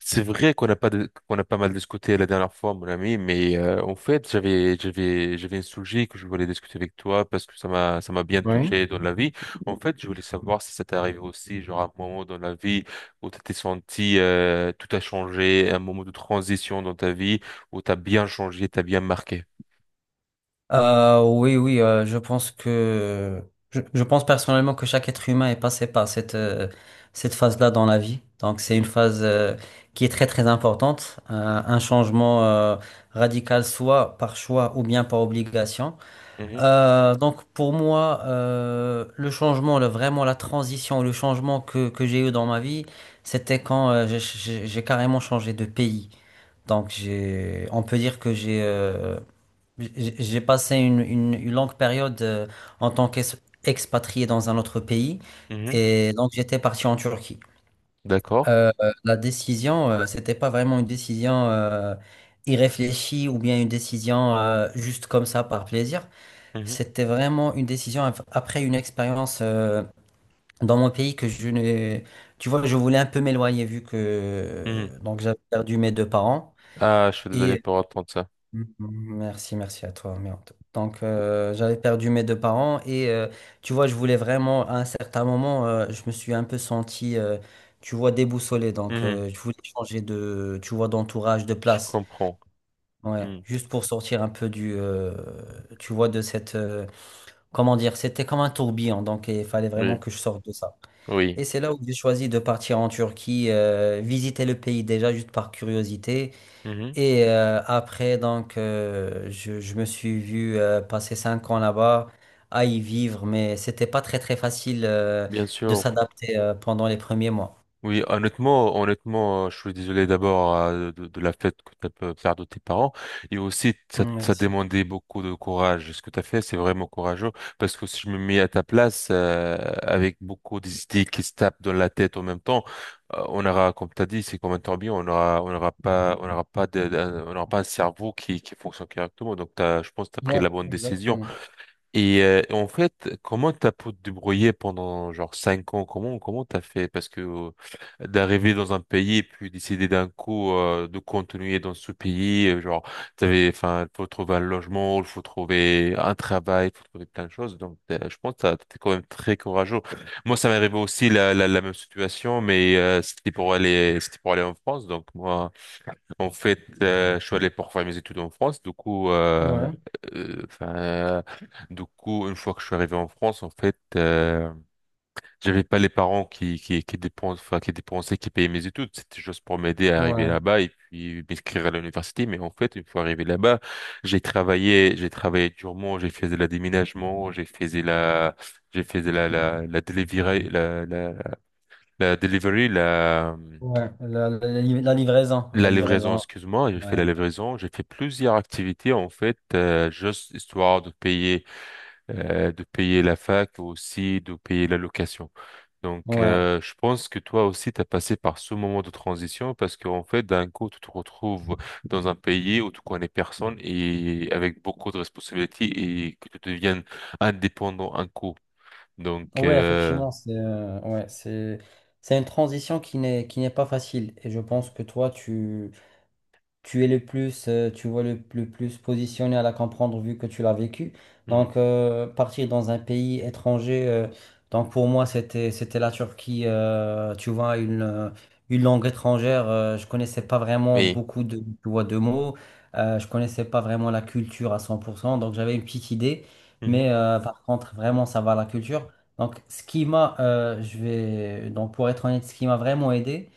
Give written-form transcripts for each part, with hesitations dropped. C'est vrai qu'on a pas de- qu'on a pas mal discuté la dernière fois, mon ami, mais en fait, j'avais un sujet que je voulais discuter avec toi parce que ça m'a bien Oui. touché dans la vie. En fait, je voulais savoir si ça t'est arrivé aussi, genre un moment dans la vie où tu t'es senti tout a changé, un moment de transition dans ta vie où t'as bien changé, t'as bien marqué. Oui, oui, je pense que je pense personnellement que chaque être humain est passé par cette cette phase-là dans la vie. Donc c'est une Mhm, phase qui est très très importante. Un changement radical soit par choix ou bien par obligation. mhm, Donc pour moi, le changement, le, vraiment la transition, le changement que j'ai eu dans ma vie, c'était quand j'ai carrément changé de pays. Donc j'ai, on peut dire que j'ai passé une longue période en tant qu'expatrié dans un autre pays, mhm. et donc j'étais parti en Turquie. D'accord. Euh, la décision, c'était pas vraiment une décision irréfléchie ou bien une décision juste comme ça par plaisir. Mhm, C'était vraiment une décision après une expérience dans mon pays que je ne. Tu vois, je voulais un peu m'éloigner vu mhm. que donc j'avais perdu mes deux parents. Ah, je suis désolé et. pour entendre ça. Mm, Merci, merci à toi. Merde. Donc, j'avais perdu mes deux parents et tu vois, je voulais vraiment, à un certain moment, je me suis un peu senti, tu vois, déboussolé. Donc, Mhm, je voulais changer de, tu vois, d'entourage, de Je place. comprends. Ouais, Mhm, juste pour sortir un peu du, tu vois, de cette, comment dire, c'était comme un tourbillon. Donc, il fallait vraiment Oui, que je sorte de ça. oui. Et c'est là où j'ai choisi de partir en Turquie, visiter le pays déjà juste par curiosité. Mhm, Et après, donc, je me suis vu passer 5 ans là-bas, à y vivre, mais c'était pas très très facile Bien de sûr. s'adapter pendant les premiers mois. Oui, honnêtement, honnêtement, je suis désolé d'abord de la fête que tu as pu faire de tes parents. Et aussi, ça Merci. demandait beaucoup de courage. Ce que tu as fait, c'est vraiment courageux. Parce que si je me mets à ta place, avec beaucoup d'idées qui se tapent dans la tête en même temps, on aura, comme tu as dit, c'est comme un tourbillon, on aura pas de, on aura pas un cerveau qui fonctionne correctement. Donc, t'as, je pense que tu as pris Ouais, la bonne décision. exactement. Et en fait, comment t'as pu te débrouiller pendant genre 5 ans? Comment t'as fait? Parce que d'arriver dans un pays et puis décider d'un coup de continuer dans ce pays, genre t'avais, enfin, faut trouver un logement, il faut trouver un travail, faut trouver plein de choses. Donc, je pense que t'es quand même très courageux. Moi, ça m'est arrivé aussi la, la, la même situation, mais c'était pour aller en France. Donc moi. En fait, je suis allé pour faire mes études en France. Du coup, Ouais, enfin, du coup, une fois que je suis arrivé en France, en fait, j'avais pas les parents qui qui dépensent, enfin, qui dépensaient, qui payaient mes études. C'était juste pour m'aider à arriver ouais, là-bas et puis m'inscrire à l'université. Mais en fait, une fois arrivé là-bas, j'ai travaillé durement. J'ai fait de la déménagement, j'ai fait de la, j'ai fait de la delivery, la la delivery, la ouais. La livraison, la la livraison, livraison. excuse-moi, j'ai Ouais, fait la livraison, j'ai fait plusieurs activités en fait, juste histoire de payer la fac aussi, de payer la location. Donc, ouais, je pense que toi aussi, tu as passé par ce moment de transition parce qu'en fait, d'un coup, tu te retrouves dans un pays où tu connais personne et avec beaucoup de responsabilités et que tu deviennes indépendant un coup. Donc, ouais. Effectivement, c'est, ouais, c'est une transition qui n'est pas facile. Et je pense que tu es le plus, tu vois le plus positionné à la comprendre vu que tu l'as vécu. mhm. Donc, partir dans un pays étranger, donc pour moi, c'était la Turquie, tu vois, une langue étrangère. Euh, je connaissais pas vraiment Oui. beaucoup de, tu vois, de mots. Euh, je connaissais pas vraiment la culture à 100%. Donc, j'avais une petite idée. Mais Mhm. Par contre, vraiment, ça va la culture. Donc, ce qui m'a, donc pour être honnête, ce qui m'a vraiment aidé,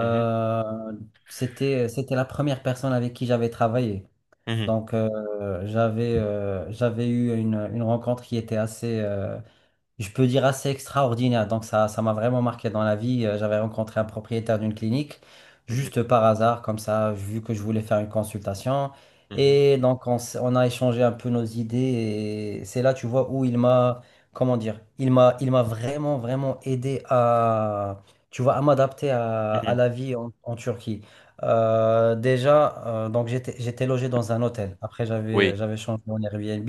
Mhm. c'était, c'était la première personne avec qui j'avais travaillé. Mhm. Donc, j'avais eu une rencontre qui était assez, je peux dire assez extraordinaire. Donc ça m'a vraiment marqué dans la vie. J'avais rencontré un propriétaire d'une clinique, juste par hasard, comme ça, vu que je voulais faire une consultation. Mhm. Et donc on a échangé un peu nos idées. Et c'est là, tu vois, où comment dire, il m'a vraiment, vraiment aidé à, tu vois, à m'adapter Mhm. à Mhm. la vie en, en Turquie. Déjà, donc j'étais logé dans un hôtel. Après, Oui. j'avais changé en Airbnb,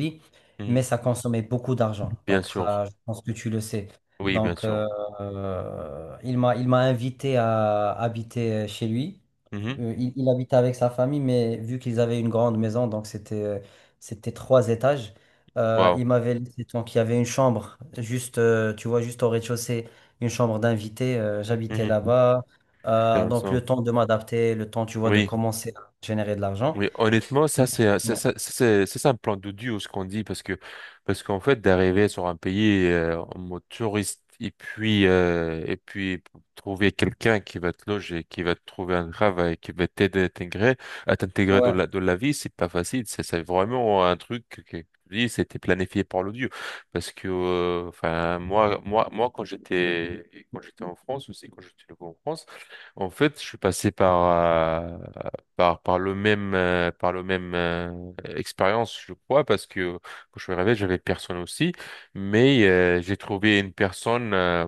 mais ça consommait beaucoup d'argent. Bien Donc sûr. ça, je pense que tu le sais. Oui, bien Donc euh, sûr. Il m'a invité à habiter chez lui. Mhm. Il habitait avec sa famille, mais vu qu'ils avaient une grande maison, donc c'était c'était trois étages. Euh, Wow. il m'avait laissé, donc il y avait une chambre juste tu vois juste au rez-de-chaussée, une chambre d'invité. Euh, j'habitais Mhm. là-bas. Donc Intéressant. le temps de m'adapter, le temps tu vois de Oui. commencer à générer de l'argent. Oui, honnêtement, ça Donc, c'est ça, ça, ouais. Ça, c'est un plan d'odieux ce qu'on dit parce que parce qu'en fait d'arriver sur un pays en mode touriste et puis trouver quelqu'un qui va te loger, qui va te trouver un travail, qui va t'aider à t'intégrer Ouais, dans la vie, c'est pas facile. C'est vraiment un truc que je dis, c'était planifié par l'odieux parce que enfin moi quand j'étais en France aussi quand j'étais en France en fait, je suis passé par, par par le même expérience je crois parce que quand je me réveille j'avais personne aussi mais j'ai trouvé une personne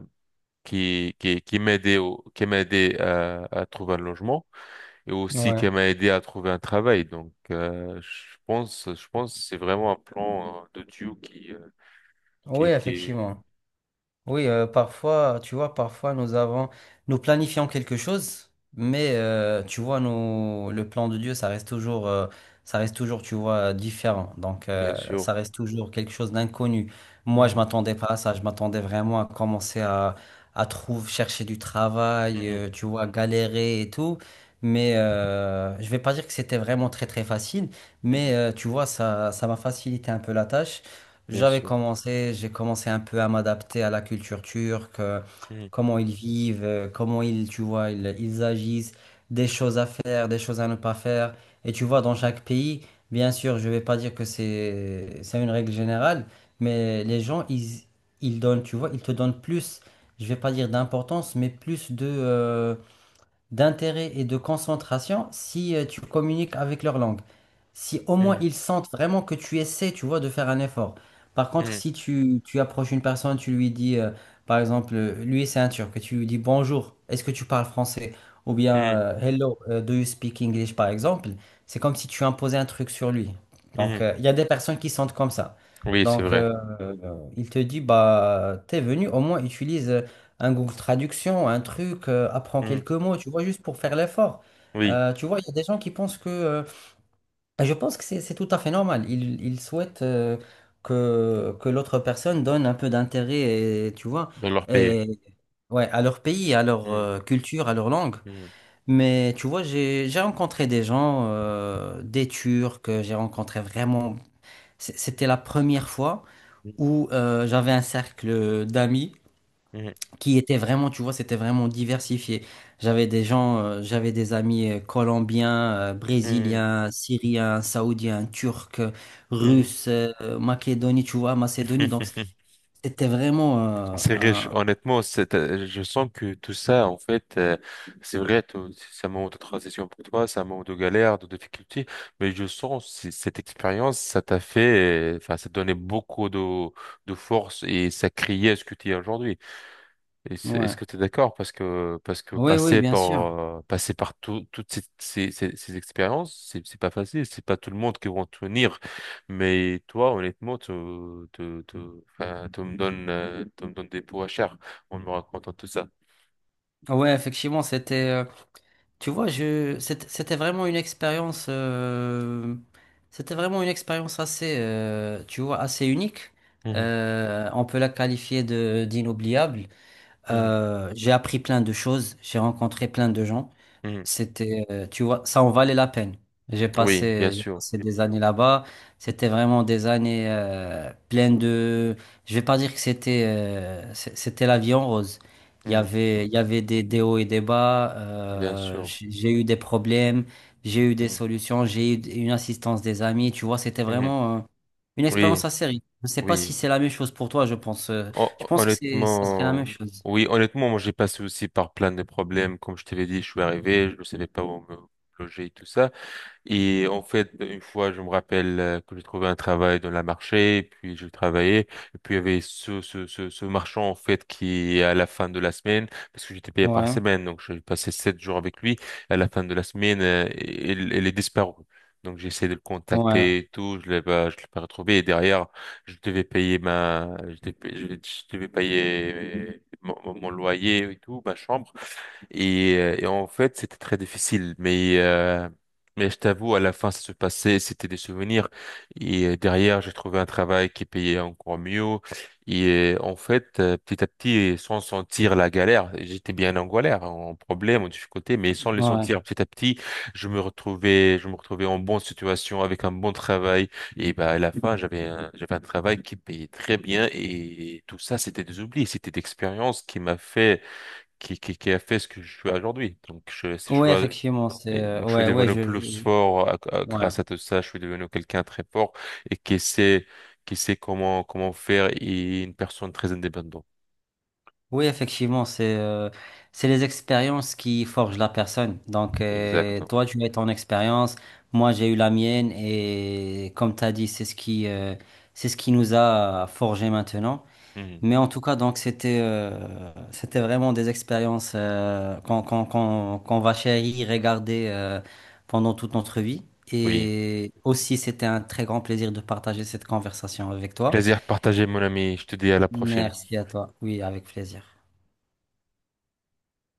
qui qui qui m'a aidé à trouver un logement et aussi qui ouais. m'a aidé à trouver un travail donc je pense que c'est vraiment un plan de Dieu Oui, qui est effectivement. Oui, parfois, tu vois, nous planifions quelque chose, mais tu vois, nous, le plan de Dieu, ça reste toujours, tu vois, différent. Donc, bien ça sûr. reste toujours quelque chose d'inconnu. Moi, je Mhm, m'attendais pas à ça. Je m'attendais vraiment à commencer à trouver, chercher du travail, mhm, tu vois, galérer et tout. Mais je vais pas dire que c'était vraiment très très facile, mhm, mais tu vois, ça m'a facilité un peu la tâche. bien sûr. J'ai commencé un peu à m'adapter à la culture turque, Mhm, comment ils vivent, tu vois, ils agissent, des choses à faire, des choses à ne pas faire. Et tu vois, dans chaque pays, bien sûr, je vais pas dire c'est une règle générale, mais ils donnent, tu vois, ils te donnent plus, je vais pas dire d'importance, mais plus de, d'intérêt et de concentration si tu communiques avec leur langue. Si au moins ils sentent vraiment que tu essaies, tu vois, de faire un effort. Par contre, mhm, si tu, tu approches une personne, tu lui dis, par exemple, lui c'est un Turc, et tu lui dis bonjour, est-ce que tu parles français? Ou bien mhm, hello, do you speak English, par exemple, c'est comme si tu imposais un truc sur lui. mhm, Donc, mhm. Il y a des personnes qui sentent comme ça. Oui c'est Donc, vrai. euh, euh, il te dit, bah, t'es venu, au moins utilise. Un Google Traduction, un truc, apprends Mhm, quelques mots, tu vois, juste pour faire l'effort. oui Tu vois, il y a des gens qui pensent que… et je pense que c'est tout à fait normal. Ils souhaitent que l'autre personne donne un peu d'intérêt, et, tu vois, de leur payer. et, ouais, à leur pays, à leur Mm, culture, à leur langue. mm, Mais tu vois, j'ai rencontré des gens, des Turcs, que j'ai rencontré vraiment… c'était la première fois mm, où j'avais un cercle d'amis qui étaient vraiment, tu vois, c'était vraiment diversifié. J'avais des gens, j'avais des amis colombiens, mm, brésiliens, syriens, saoudiens, turcs, mm, mm. russes, Macédonie, tu vois, Macédonie. Donc, c'était vraiment, C'est riche, honnêtement, c'est, je sens que tout ça, en fait, c'est vrai, c'est un moment de transition pour toi, c'est un moment de galère, de difficulté, mais je sens cette expérience, ça t'a fait, enfin, ça t'a donné beaucoup de force et ça créait ce que tu es aujourd'hui. Et Est-ce ouais. que tu es d'accord? Parce que Oui, oui, bien sûr. Passer par toutes ces, ces, ces, ces expériences, c'est pas facile. C'est pas tout le monde qui va en tenir. Mais toi, honnêtement, tu, enfin, tu me donnes des pots à chair en me racontant tout ça. Ouais, effectivement, c'était, tu vois, c'était c'était vraiment une expérience, c'était vraiment une expérience assez, tu vois, assez unique. Mhm, On peut la qualifier de d'inoubliable. mhm, J'ai appris plein de choses, j'ai rencontré plein de gens. mhm. C'était, tu vois, ça en valait la peine. Oui, bien J'ai sûr. passé des années là-bas. C'était vraiment des années pleines de. Je vais pas dire que c'était, c'était la vie en rose. Mhm, Il y avait des hauts et des bas. bien sûr. J'ai eu des problèmes, j'ai eu des Mhm, solutions, j'ai eu une assistance des amis. Tu vois, c'était mhm. vraiment une expérience Oui, assez riche. Je sais pas si oui. c'est la même chose pour toi. Je pense que ça serait la même Honnêtement, chose. oui, honnêtement, moi j'ai passé aussi par plein de problèmes. Comme je t'avais dit, je suis arrivé, je ne savais pas où me loger et tout ça. Et en fait, une fois, je me rappelle que j'ai trouvé un travail dans la marché, et puis j'ai travaillé, et puis il y avait ce, ce, ce, ce marchand, en fait, qui, à la fin de la semaine, parce que j'étais payé par Ouais, semaine, donc j'ai passé 7 jours avec lui, à la fin de la semaine, il est disparu. Donc j'ai essayé de le ouais, contacter et tout, je l'ai pas retrouvé, et derrière, je devais payer ma, je devais payer mon, mon loyer et tout, ma chambre. Et en fait, c'était très difficile. Mais je t'avoue, à la fin, ça se passait, c'était des souvenirs. Et derrière, j'ai trouvé un travail qui payait encore mieux. Et en fait, petit à petit, sans sentir la galère, j'étais bien en galère, en problème, en difficulté, mais sans les ouais. sentir petit à petit, je me retrouvais en bonne situation, avec un bon travail. Et bah, à la fin, j'avais un travail qui payait très bien. Et tout ça, c'était des oublis, c'était d'expérience qui m'a fait qui a fait ce que je suis aujourd'hui. Donc, je, si je Oui, suis, effectivement, c'est et donc, je suis ouais, ouais, devenu plus je- fort ouais. grâce à tout ça. Je suis devenu quelqu'un très fort et qui sait comment, comment faire et une personne très indépendante. Oui, effectivement, c'est les expériences qui forgent la personne. Donc Exactement. toi tu as ton expérience, moi j'ai eu la mienne et comme tu as dit, c'est ce qui nous a forgé maintenant. Mhm. Mais en tout cas, donc c'était c'était vraiment des expériences qu'on va chérir, regarder pendant toute notre vie. Oui. Et aussi, c'était un très grand plaisir de partager cette conversation avec toi. Plaisir partagé, mon ami. Je te dis à la prochaine. Merci à toi. Oui, avec plaisir.